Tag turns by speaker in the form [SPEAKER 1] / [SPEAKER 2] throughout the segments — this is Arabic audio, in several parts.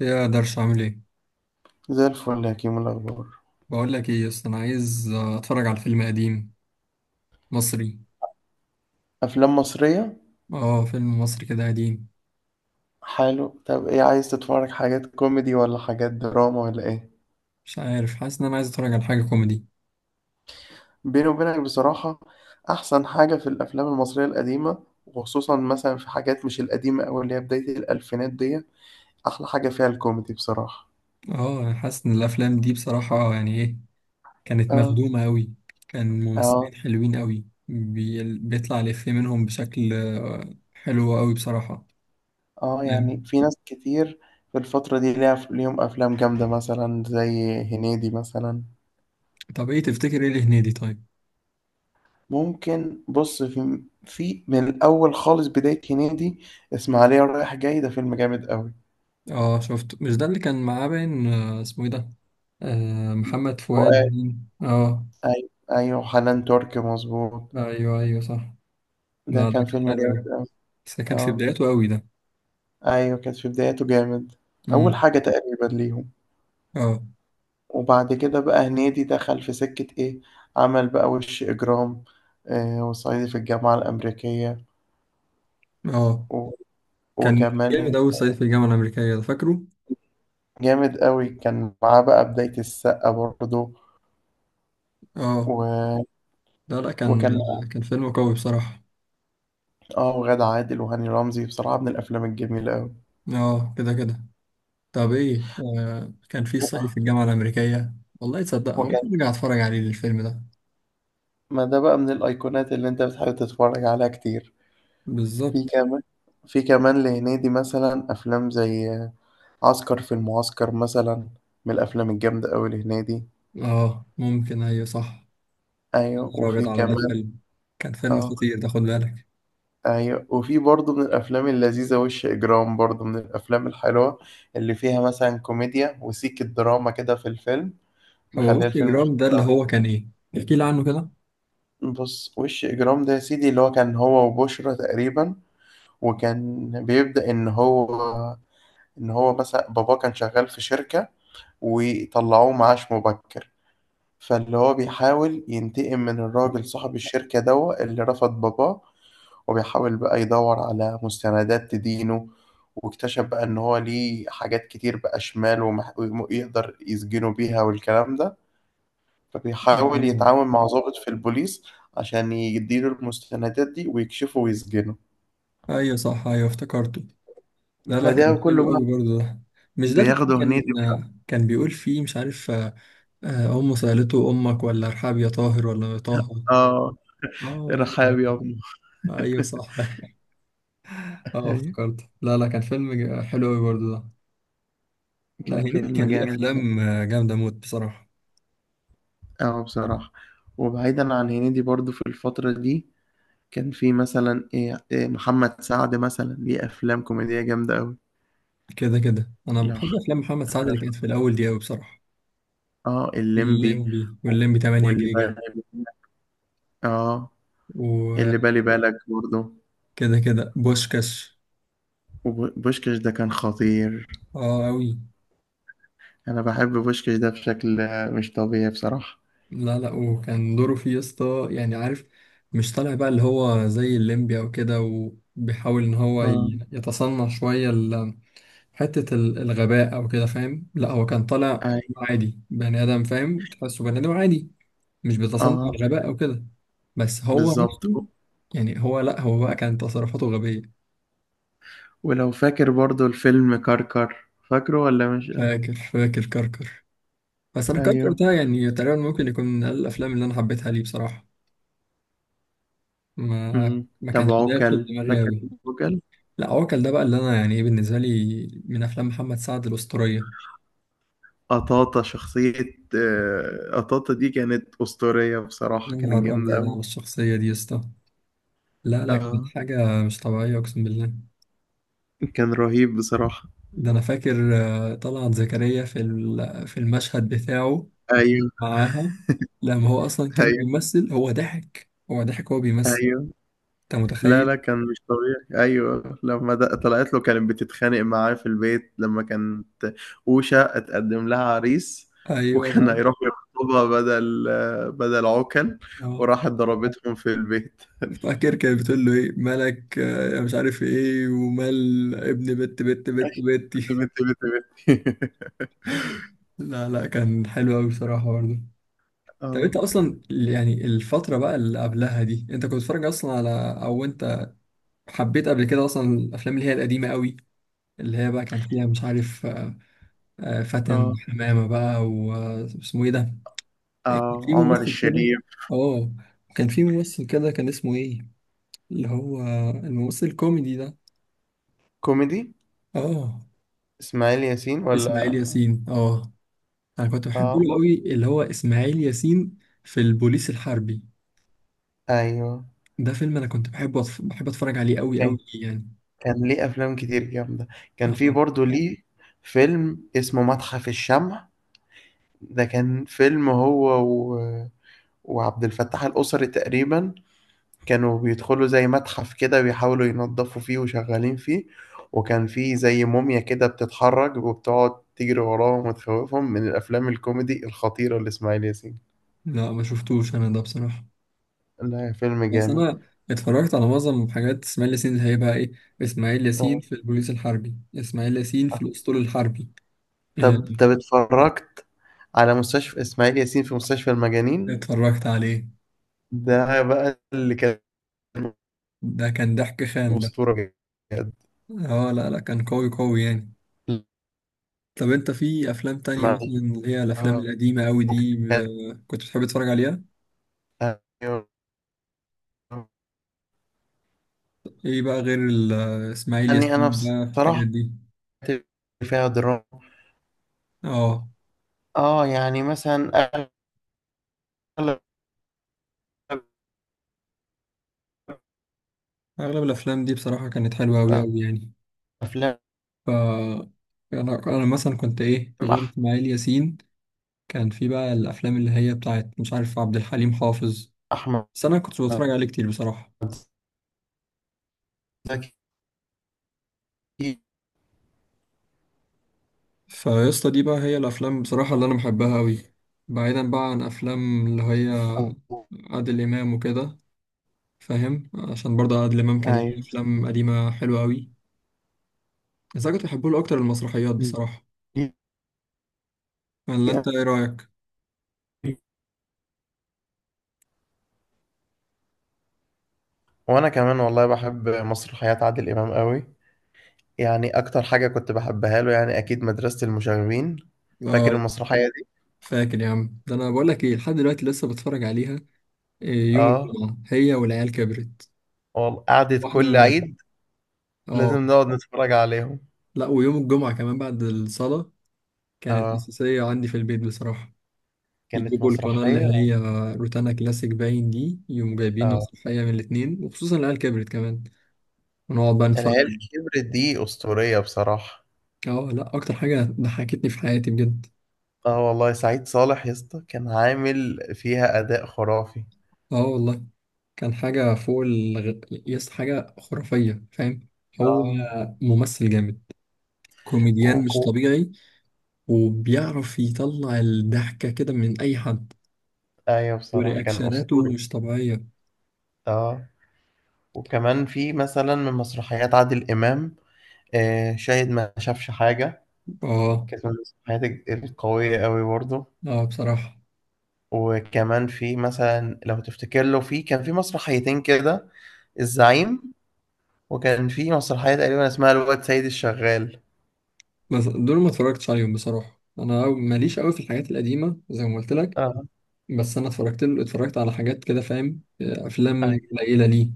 [SPEAKER 1] يا درش عامل ايه؟
[SPEAKER 2] زي الفل يا كيمو، إيه الأخبار؟
[SPEAKER 1] بقول لك ايه يا اسطى، انا عايز اتفرج على فيلم قديم مصري.
[SPEAKER 2] أفلام مصرية.
[SPEAKER 1] اه، فيلم مصري كده قديم.
[SPEAKER 2] حلو، طب إيه عايز تتفرج، حاجات كوميدي ولا حاجات دراما ولا إيه؟
[SPEAKER 1] مش عارف، حاسس ان انا عايز اتفرج على حاجه كوميدي.
[SPEAKER 2] بيني وبينك بصراحة، أحسن حاجة في الأفلام المصرية القديمة وخصوصا مثلا في حاجات مش القديمة أو اللي هي بداية الألفينات دي، أحلى حاجة فيها الكوميدي بصراحة.
[SPEAKER 1] اه حاسس ان الافلام دي بصراحه يعني ايه، كانت
[SPEAKER 2] آه.
[SPEAKER 1] مخدومه قوي. كان
[SPEAKER 2] آه.
[SPEAKER 1] ممثلين حلوين قوي، بيطلع الافيه منهم بشكل حلو قوي بصراحه.
[SPEAKER 2] آه، يعني
[SPEAKER 1] يعني-
[SPEAKER 2] في ناس كتير في الفترة دي ليهم أفلام جامدة مثلا زي هنيدي مثلا.
[SPEAKER 1] طب ايه تفتكر، ايه لهنيدي طيب؟
[SPEAKER 2] ممكن بص، في من الاول خالص بدايه هنيدي، اسماعيليه رايح جاي ده فيلم جامد قوي.
[SPEAKER 1] اه شفته، مش ده اللي كان معاه باين اسمه ايه ده. آه، محمد فؤاد
[SPEAKER 2] فؤاد.
[SPEAKER 1] باين. اه.
[SPEAKER 2] ايوه، ايوه، حنان ترك، مظبوط.
[SPEAKER 1] ايوه ايوه صح.
[SPEAKER 2] ده
[SPEAKER 1] لا ده
[SPEAKER 2] كان
[SPEAKER 1] كان
[SPEAKER 2] فيلم
[SPEAKER 1] حلو
[SPEAKER 2] جامد
[SPEAKER 1] أوي،
[SPEAKER 2] قوي.
[SPEAKER 1] بس ده كان في
[SPEAKER 2] اه.
[SPEAKER 1] بداياته أوي ده.
[SPEAKER 2] ايوه كانت في بدايته جامد، اول
[SPEAKER 1] امم
[SPEAKER 2] حاجه تقريبا ليهم.
[SPEAKER 1] اه.
[SPEAKER 2] وبعد كده بقى هنيدي دخل في سكه ايه، عمل بقى وش اجرام، وصعيدي في الجامعه الامريكيه
[SPEAKER 1] اه،
[SPEAKER 2] و...
[SPEAKER 1] كان جامد
[SPEAKER 2] وكمان.
[SPEAKER 1] أوي صعيدي في الجامعة الأمريكية ده، فاكره؟
[SPEAKER 2] جامد قوي، كان معاه بقى بدايه السقا برضه.
[SPEAKER 1] اه.
[SPEAKER 2] و...
[SPEAKER 1] لا لا كان
[SPEAKER 2] وكان
[SPEAKER 1] كان فيلم قوي بصراحة.
[SPEAKER 2] اه وغادة عادل وهاني رمزي، بصراحة من الأفلام الجميلة أوي.
[SPEAKER 1] اه كده كده. طب ايه، آه كان في
[SPEAKER 2] و-
[SPEAKER 1] صعيدي في الجامعة الأمريكية. والله تصدق أنا
[SPEAKER 2] وكان.
[SPEAKER 1] ممكن أرجع أتفرج عليه الفيلم ده.
[SPEAKER 2] ما ده بقى من الأيقونات اللي أنت بتحب تتفرج عليها كتير. في
[SPEAKER 1] بالظبط.
[SPEAKER 2] كمان، في كمان لهنيدي مثلا أفلام زي عسكر في المعسكر مثلا، من الأفلام الجامدة أوي لهنيدي.
[SPEAKER 1] اه ممكن، أيوه صح. يا
[SPEAKER 2] أيوة
[SPEAKER 1] نهار أبيض
[SPEAKER 2] وفي
[SPEAKER 1] على ده
[SPEAKER 2] كمان.
[SPEAKER 1] فيلم، كان فيلم
[SPEAKER 2] اه،
[SPEAKER 1] خطير ده، خد بالك.
[SPEAKER 2] أيوة وفي برضه من الأفلام اللذيذة وش إجرام، برضه من الأفلام الحلوة اللي فيها مثلا كوميديا وسيك الدراما كده في الفيلم،
[SPEAKER 1] أبو
[SPEAKER 2] مخليه
[SPEAKER 1] وش
[SPEAKER 2] الفيلم.
[SPEAKER 1] جرام ده اللي هو كان ايه؟ احكي لي عنه كده.
[SPEAKER 2] بص، وش اجرام ده يا سيدي، اللي هو كان هو وبشرى تقريبا. وكان بيبدأ ان هو مثلا باباه كان شغال في شركة وطلعوه معاش مبكر، فاللي هو بيحاول ينتقم من الراجل صاحب الشركة دوا اللي رفض باباه، وبيحاول بقى يدور على مستندات تدينه. واكتشف بقى ان هو ليه حاجات كتير بقى شمال ويقدر يسجنه بيها والكلام ده. فبيحاول
[SPEAKER 1] اه
[SPEAKER 2] يتعاون مع ضابط في البوليس عشان يديله المستندات دي ويكشفه ويسجنه.
[SPEAKER 1] ايوه صح، ايوه افتكرته. لا لا
[SPEAKER 2] فده
[SPEAKER 1] كان
[SPEAKER 2] كله
[SPEAKER 1] حلو
[SPEAKER 2] بقى
[SPEAKER 1] قوي برضه ده. مش ده اللي
[SPEAKER 2] بياخده هنيدي.
[SPEAKER 1] كان كان بيقول فيه مش عارف أمه سألته أمك ولا أرحاب يا طاهر ولا يا طه.
[SPEAKER 2] اه،
[SPEAKER 1] اه ايوه
[SPEAKER 2] رحاب يا
[SPEAKER 1] ايوه.
[SPEAKER 2] ابني.
[SPEAKER 1] أيوة صح. اه
[SPEAKER 2] أيوة،
[SPEAKER 1] افتكرت، لا لا كان فيلم حلو قوي برضه ده. لا
[SPEAKER 2] كان
[SPEAKER 1] هنيدي
[SPEAKER 2] فيلم
[SPEAKER 1] كان ليه
[SPEAKER 2] جامد بصراحة.
[SPEAKER 1] أفلام جامدة موت بصراحة.
[SPEAKER 2] اه بصراحة. وبعيدا عن هنيدي برضو في الفترة دي كان في مثلا إيه محمد سعد مثلا ليه أفلام كوميدية جامدة أوي.
[SPEAKER 1] كده كده، أنا
[SPEAKER 2] لو
[SPEAKER 1] بحب
[SPEAKER 2] حضر.
[SPEAKER 1] أفلام محمد سعد اللي كانت في الأول دي قوي بصراحة.
[SPEAKER 2] اه، الليمبي
[SPEAKER 1] الليمبي والليمبي 8
[SPEAKER 2] واللي بالي.
[SPEAKER 1] جيجا،
[SPEAKER 2] اه،
[SPEAKER 1] وكده
[SPEAKER 2] اللي بالي بالك برضو،
[SPEAKER 1] كده بوشكاش.
[SPEAKER 2] وبوشكاش ده كان خطير.
[SPEAKER 1] اه قوي.
[SPEAKER 2] انا بحب بوشكش ده بشكل مش طبيعي بصراحة.
[SPEAKER 1] لا لا وكان دوره فيه يا اسطى يعني، عارف، مش طالع بقى اللي هو زي الليمبي او كده، وبيحاول ان هو
[SPEAKER 2] اه.
[SPEAKER 1] يتصنع شوية حتة الغباء او كده، فاهم؟ لا هو كان طالع
[SPEAKER 2] اي.
[SPEAKER 1] عادي بني ادم، فاهم، تحسه بني ادم عادي مش بيتصنع
[SPEAKER 2] اه،
[SPEAKER 1] الغباء او كده، بس هو
[SPEAKER 2] بالظبط.
[SPEAKER 1] نفسه. يعني هو لا هو بقى كانت تصرفاته غبية.
[SPEAKER 2] ولو فاكر برضو الفيلم كركر، فاكره ولا مش؟
[SPEAKER 1] فاكر كركر، بس انا كركر
[SPEAKER 2] ايوه.
[SPEAKER 1] ده يعني تقريبا ممكن يكون من اقل الافلام اللي انا حبيتها ليه بصراحة. ما
[SPEAKER 2] امم.
[SPEAKER 1] ما
[SPEAKER 2] طب
[SPEAKER 1] كانش داخل
[SPEAKER 2] عوكل
[SPEAKER 1] دماغي
[SPEAKER 2] فاكر؟
[SPEAKER 1] أوي.
[SPEAKER 2] عوكل،
[SPEAKER 1] لا عوكل ده بقى اللي انا يعني ايه، بالنسبه لي من افلام محمد سعد الاسطوريه.
[SPEAKER 2] قطاطة شخصية. قطاطة دي كانت أسطورية
[SPEAKER 1] يا
[SPEAKER 2] بصراحة، كانت
[SPEAKER 1] نهار
[SPEAKER 2] جامدة
[SPEAKER 1] ابيض
[SPEAKER 2] أوي.
[SPEAKER 1] على الشخصيه دي يا اسطى، لا لا كانت
[SPEAKER 2] اه،
[SPEAKER 1] حاجه مش طبيعيه اقسم بالله.
[SPEAKER 2] كان رهيب بصراحة.
[SPEAKER 1] ده انا فاكر طلعت زكريا في المشهد بتاعه
[SPEAKER 2] ايوه.
[SPEAKER 1] معاها، لما هو اصلا كان
[SPEAKER 2] ايوه.
[SPEAKER 1] بيمثل، هو ضحك وهو بيمثل،
[SPEAKER 2] ايوه.
[SPEAKER 1] انت
[SPEAKER 2] لا،
[SPEAKER 1] متخيل؟
[SPEAKER 2] لا، كان مش طبيعي. ايوه لما طلعت له، كانت بتتخانق معاه في البيت لما كانت اوشا اتقدم لها عريس،
[SPEAKER 1] ايوه
[SPEAKER 2] وكان
[SPEAKER 1] ده.
[SPEAKER 2] هيروح يخطبها بدل عكل،
[SPEAKER 1] اه
[SPEAKER 2] وراحت ضربتهم في البيت.
[SPEAKER 1] فاكر كانت بتقول له ايه مالك مش عارف ايه، ومال ابن بت بت بت
[SPEAKER 2] بت
[SPEAKER 1] بتي.
[SPEAKER 2] بت بت بت
[SPEAKER 1] لا لا كان حلو قوي بصراحه برضه. طب
[SPEAKER 2] اه.
[SPEAKER 1] انت اصلا يعني الفترة بقى اللي قبلها دي انت كنت بتتفرج اصلا على، او انت حبيت قبل كده اصلا الافلام اللي هي القديمة قوي، اللي هي بقى كان فيها مش عارف فاتن
[SPEAKER 2] اه.
[SPEAKER 1] حمامة بقى، واسمه ايه ده؟ كان
[SPEAKER 2] اه،
[SPEAKER 1] في
[SPEAKER 2] عمر
[SPEAKER 1] ممثل كده.
[SPEAKER 2] الشريف.
[SPEAKER 1] اه كان في ممثل كده كان اسمه ايه، اللي هو الممثل الكوميدي ده.
[SPEAKER 2] كوميدي.
[SPEAKER 1] اه.
[SPEAKER 2] اسماعيل ياسين
[SPEAKER 1] اسماعيل
[SPEAKER 2] ولا؟
[SPEAKER 1] ياسين اه، انا كنت بحبه
[SPEAKER 2] اه
[SPEAKER 1] له قوي اللي هو اسماعيل ياسين في البوليس الحربي،
[SPEAKER 2] ايوه،
[SPEAKER 1] ده فيلم انا كنت بحبه، بحب اتفرج عليه قوي قوي
[SPEAKER 2] كان
[SPEAKER 1] يعني.
[SPEAKER 2] كان ليه افلام كتير جامده. كان في
[SPEAKER 1] اه.
[SPEAKER 2] برضه ليه فيلم اسمه متحف الشمع. ده كان فيلم هو وعبد الفتاح القصري تقريبا، كانوا بيدخلوا زي متحف كده بيحاولوا ينظفوا فيه وشغالين فيه، وكان فيه زي موميا كده بتتحرك وبتقعد تجري وراهم وتخوفهم، من الأفلام الكوميدي الخطيرة لإسماعيل ياسين.
[SPEAKER 1] لا ما شفتوش انا ده بصراحة،
[SPEAKER 2] لا، فيلم
[SPEAKER 1] بس
[SPEAKER 2] جامد.
[SPEAKER 1] انا اتفرجت على معظم حاجات اسماعيل ياسين اللي هيبقى ايه، اسماعيل ياسين
[SPEAKER 2] آه.
[SPEAKER 1] في البوليس الحربي، اسماعيل ياسين في الاسطول الحربي آه،
[SPEAKER 2] طب اتفرجت على مستشفى إسماعيل ياسين في مستشفى المجانين؟
[SPEAKER 1] اتفرجت عليه.
[SPEAKER 2] ده بقى اللي كان
[SPEAKER 1] ده كان ضحك خام ده.
[SPEAKER 2] أسطورة بجد.
[SPEAKER 1] اه لا لا كان قوي قوي يعني. طب انت في افلام تانية
[SPEAKER 2] لما-
[SPEAKER 1] مثلا اللي هي الافلام
[SPEAKER 2] آه،
[SPEAKER 1] القديمة قوي دي كنت بتحب تتفرج عليها؟
[SPEAKER 2] وكان-
[SPEAKER 1] ايه بقى غير اسماعيل
[SPEAKER 2] يعني انا
[SPEAKER 1] ياسين بقى الحاجات
[SPEAKER 2] بصراحه
[SPEAKER 1] دي؟
[SPEAKER 2] فيها دراما.
[SPEAKER 1] اه
[SPEAKER 2] اه، يعني مثلا اغلب
[SPEAKER 1] اغلب الافلام دي بصراحة كانت حلوة قوي قوي يعني.
[SPEAKER 2] افلام
[SPEAKER 1] ف انا مثلا كنت ايه غير
[SPEAKER 2] أح-
[SPEAKER 1] اسماعيل ياسين، كان في بقى الافلام اللي هي بتاعت مش عارف عبد الحليم حافظ،
[SPEAKER 2] احمد
[SPEAKER 1] بس انا كنت بتفرج عليه كتير بصراحه.
[SPEAKER 2] زكي.
[SPEAKER 1] فيسطا دي بقى هي الافلام بصراحه اللي انا بحبها قوي، بعيدا بقى عن افلام اللي هي
[SPEAKER 2] أو-
[SPEAKER 1] عادل امام وكده، فاهم؟ عشان برضه عادل امام كان ليه
[SPEAKER 2] ايوه.
[SPEAKER 1] افلام قديمه حلوه قوي، بس انا كنت بحبه له اكتر المسرحيات بصراحه،
[SPEAKER 2] دي-
[SPEAKER 1] ولا انت ايه رايك؟
[SPEAKER 2] وانا كمان والله بحب مسرحيات عادل امام قوي. يعني اكتر حاجه كنت بحبها له يعني اكيد مدرسه المشاغبين، فاكر
[SPEAKER 1] اه.
[SPEAKER 2] المسرحيه دي؟
[SPEAKER 1] فاكر يا عم، ده انا بقول لك ايه لحد دلوقتي لسه بتفرج عليها. إيه، يوم
[SPEAKER 2] اه
[SPEAKER 1] الجمعة هي والعيال كبرت،
[SPEAKER 2] والله، قعدت
[SPEAKER 1] واحدة
[SPEAKER 2] كل
[SPEAKER 1] من بينهم.
[SPEAKER 2] عيد
[SPEAKER 1] اه.
[SPEAKER 2] لازم نقعد نتفرج عليهم.
[SPEAKER 1] لا ويوم الجمعة كمان بعد الصلاة كانت
[SPEAKER 2] اه،
[SPEAKER 1] أساسية عندي في البيت بصراحة.
[SPEAKER 2] كانت
[SPEAKER 1] يجيبوا القناة اللي
[SPEAKER 2] مسرحيه.
[SPEAKER 1] هي روتانا كلاسيك باين، دي يوم جايبين
[SPEAKER 2] اه،
[SPEAKER 1] مسرحية من الاتنين، وخصوصا العيال كبرت كمان، ونقعد بقى نتفرج.
[SPEAKER 2] العيال كبرت دي أسطورية بصراحة.
[SPEAKER 1] اه لا أكتر حاجة ضحكتني في حياتي بجد.
[SPEAKER 2] اه والله، سعيد صالح يا اسطى كان عامل فيها أداء خرافي.
[SPEAKER 1] اه والله، كان حاجة فوق يس، حاجة خرافية فاهم. هو
[SPEAKER 2] اه
[SPEAKER 1] ممثل جامد، كوميديان مش
[SPEAKER 2] وكو
[SPEAKER 1] طبيعي، وبيعرف يطلع الضحكة كده من أي حد.
[SPEAKER 2] أيوة بصراحة كان
[SPEAKER 1] ورياكشناته
[SPEAKER 2] أسطوري.
[SPEAKER 1] مش طبيعية.
[SPEAKER 2] اه، وكمان في مثلا من مسرحيات عادل إمام شاهد ما شافش حاجة،
[SPEAKER 1] اه.
[SPEAKER 2] كانت من المسرحيات القوية أوي برضه.
[SPEAKER 1] اه بصراحة.
[SPEAKER 2] وكمان في مثلا لو تفتكر له، في كان في مسرحيتين كده، الزعيم، وكان في مسرحية تقريبا اسمها الواد سيد الشغال.
[SPEAKER 1] بس دول ما اتفرجتش عليهم بصراحة، انا ماليش قوي في الحاجات القديمة زي ما قلت لك.
[SPEAKER 2] اه
[SPEAKER 1] بس انا اتفرجت له، اتفرجت على حاجات كده فاهم،
[SPEAKER 2] أي-
[SPEAKER 1] افلام قليلة ليه،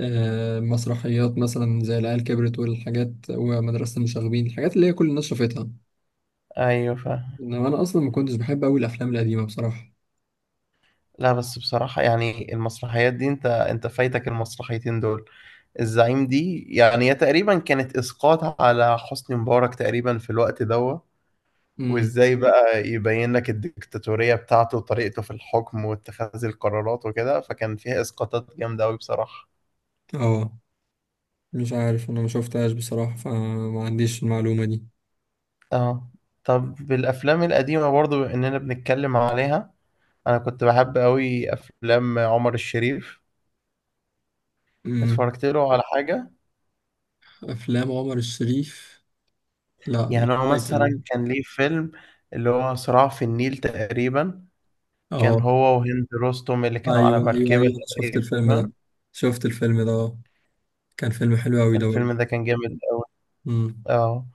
[SPEAKER 1] مسرحيات مثلا زي العيال كبرت والحاجات، ومدرسة المشاغبين، الحاجات اللي هي كل الناس شافتها.
[SPEAKER 2] ايوه فاهم.
[SPEAKER 1] انما انا اصلا ما كنتش بحب قوي الافلام القديمة بصراحة.
[SPEAKER 2] لا بس بصراحة يعني المسرحيات دي، انت فايتك المسرحيتين دول. الزعيم دي يعني هي تقريبا كانت اسقاط على حسني مبارك تقريبا في الوقت دوت،
[SPEAKER 1] امم
[SPEAKER 2] وازاي بقى يبين لك الدكتاتورية بتاعته وطريقته في الحكم واتخاذ القرارات وكده، فكان فيها اسقاطات جامدة قوي بصراحة.
[SPEAKER 1] اه. مش عارف، انا ما شفتهاش بصراحة فما عنديش المعلومة دي.
[SPEAKER 2] اه، طب بالافلام القديمة برضو، بما اننا بنتكلم عليها، انا كنت بحب قوي افلام عمر الشريف.
[SPEAKER 1] امم
[SPEAKER 2] اتفرجت له على حاجة؟
[SPEAKER 1] افلام عمر الشريف، لا مش
[SPEAKER 2] يعني هو
[SPEAKER 1] فاكر.
[SPEAKER 2] مثلا كان ليه فيلم، اللي هو صراع في النيل تقريبا، كان
[SPEAKER 1] اه
[SPEAKER 2] هو وهند رستم اللي كانوا على
[SPEAKER 1] ايوه ايوه
[SPEAKER 2] مركبة
[SPEAKER 1] ايوه، شفت الفيلم
[SPEAKER 2] تقريبا.
[SPEAKER 1] ده، شفت الفيلم ده آه. كان فيلم حلو قوي ده برضه.
[SPEAKER 2] الفيلم ده كان جامد أوي.
[SPEAKER 1] امم
[SPEAKER 2] اه،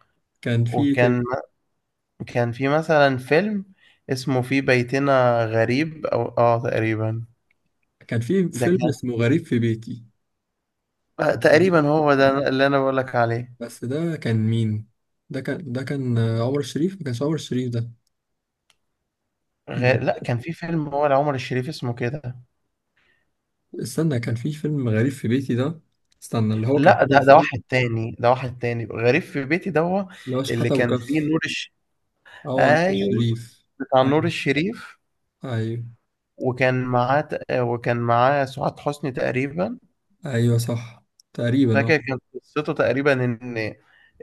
[SPEAKER 1] كان في
[SPEAKER 2] وكان في مثلا فيلم اسمه في بيتنا غريب أو تقريبا.
[SPEAKER 1] كان في
[SPEAKER 2] ده
[SPEAKER 1] فيلم
[SPEAKER 2] كان،
[SPEAKER 1] اسمه غريب في بيتي. بس ده
[SPEAKER 2] تقريبا هو ده اللي أنا بقولك عليه.
[SPEAKER 1] بس ده كان مين؟ ده كان عمر الشريف، ما كانش عمر الشريف ده.
[SPEAKER 2] غير
[SPEAKER 1] ده-
[SPEAKER 2] لا، كان في فيلم هو لعمر الشريف اسمه كده.
[SPEAKER 1] استنى، كان في فيلم غريب في بيتي ده، استنى، اللي هو كان
[SPEAKER 2] لا، ده
[SPEAKER 1] طلع
[SPEAKER 2] ده واحد
[SPEAKER 1] فيه،
[SPEAKER 2] تاني، ده واحد تاني، غريب في بيتي ده هو
[SPEAKER 1] اللي هو
[SPEAKER 2] اللي
[SPEAKER 1] شحاتة
[SPEAKER 2] كان فيه
[SPEAKER 1] وكف.
[SPEAKER 2] نور الش...
[SPEAKER 1] اه نور
[SPEAKER 2] ايوه،
[SPEAKER 1] الشريف.
[SPEAKER 2] بتاع نور
[SPEAKER 1] ايوه.
[SPEAKER 2] الشريف.
[SPEAKER 1] ايوه
[SPEAKER 2] وكان معاه وكان معاه سعاد حسني تقريبا.
[SPEAKER 1] ايوه صح، تقريبا اه.
[SPEAKER 2] فاكر كانت قصته تقريبا ان،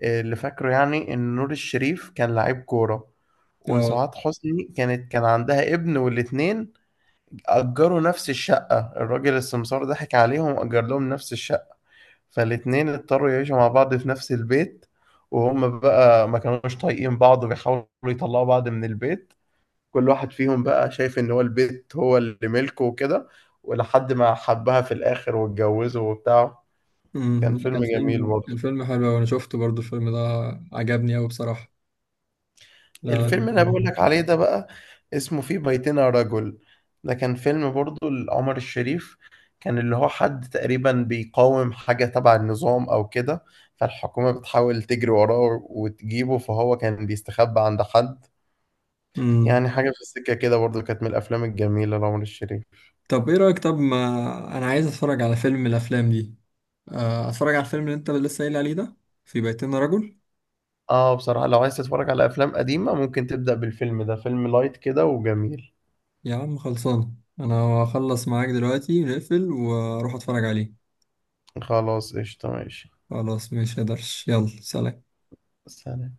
[SPEAKER 2] اللي فاكره يعني، ان نور الشريف كان لعيب كورة،
[SPEAKER 1] اه.
[SPEAKER 2] وسعاد حسني كان عندها ابن، والاتنين أجروا نفس الشقة، الراجل السمسار ضحك عليهم وأجر لهم نفس الشقة، فالاتنين اضطروا يعيشوا مع بعض في نفس البيت، وهم بقى ما كانوش طايقين بعض، بيحاولوا يطلعوا بعض من البيت، كل واحد فيهم بقى شايف ان هو البيت هو اللي ملكه وكده، ولحد ما حبها في الاخر واتجوزه وبتاع. كان
[SPEAKER 1] لا، كان
[SPEAKER 2] فيلم جميل
[SPEAKER 1] فيلم كان
[SPEAKER 2] برضه.
[SPEAKER 1] فيلم حلو أوي، انا شفته برضو الفيلم ده، عجبني قوي بصراحة. لا لا.
[SPEAKER 2] الفيلم اللي انا بقول لك عليه ده بقى، اسمه في بيتنا رجل، ده كان فيلم برضه لعمر الشريف، كان اللي هو حد تقريبا بيقاوم حاجة تبع النظام او كده، فالحكومة بتحاول تجري وراه وتجيبه، فهو كان بيستخبى عند حد.
[SPEAKER 1] امم.
[SPEAKER 2] يعني حاجة في السكة كده برضه، كانت من الافلام الجميلة لعمر الشريف.
[SPEAKER 1] طب ايه رأيك، طب ما انا عايز اتفرج على فيلم من الافلام دي، اتفرج على الفيلم اللي انت لسه قايل عليه ده، في بيتنا رجل.
[SPEAKER 2] اه بصراحة، لو عايز تتفرج على افلام قديمة ممكن تبدأ بالفيلم ده، فيلم لايت كده وجميل.
[SPEAKER 1] يا عم خلصان، انا هخلص معاك دلوقتي نقفل واروح اتفرج عليه.
[SPEAKER 2] خلاص قشطة ماشي.
[SPEAKER 1] خلاص مش قدرش، يلا سلام.
[SPEAKER 2] سلام.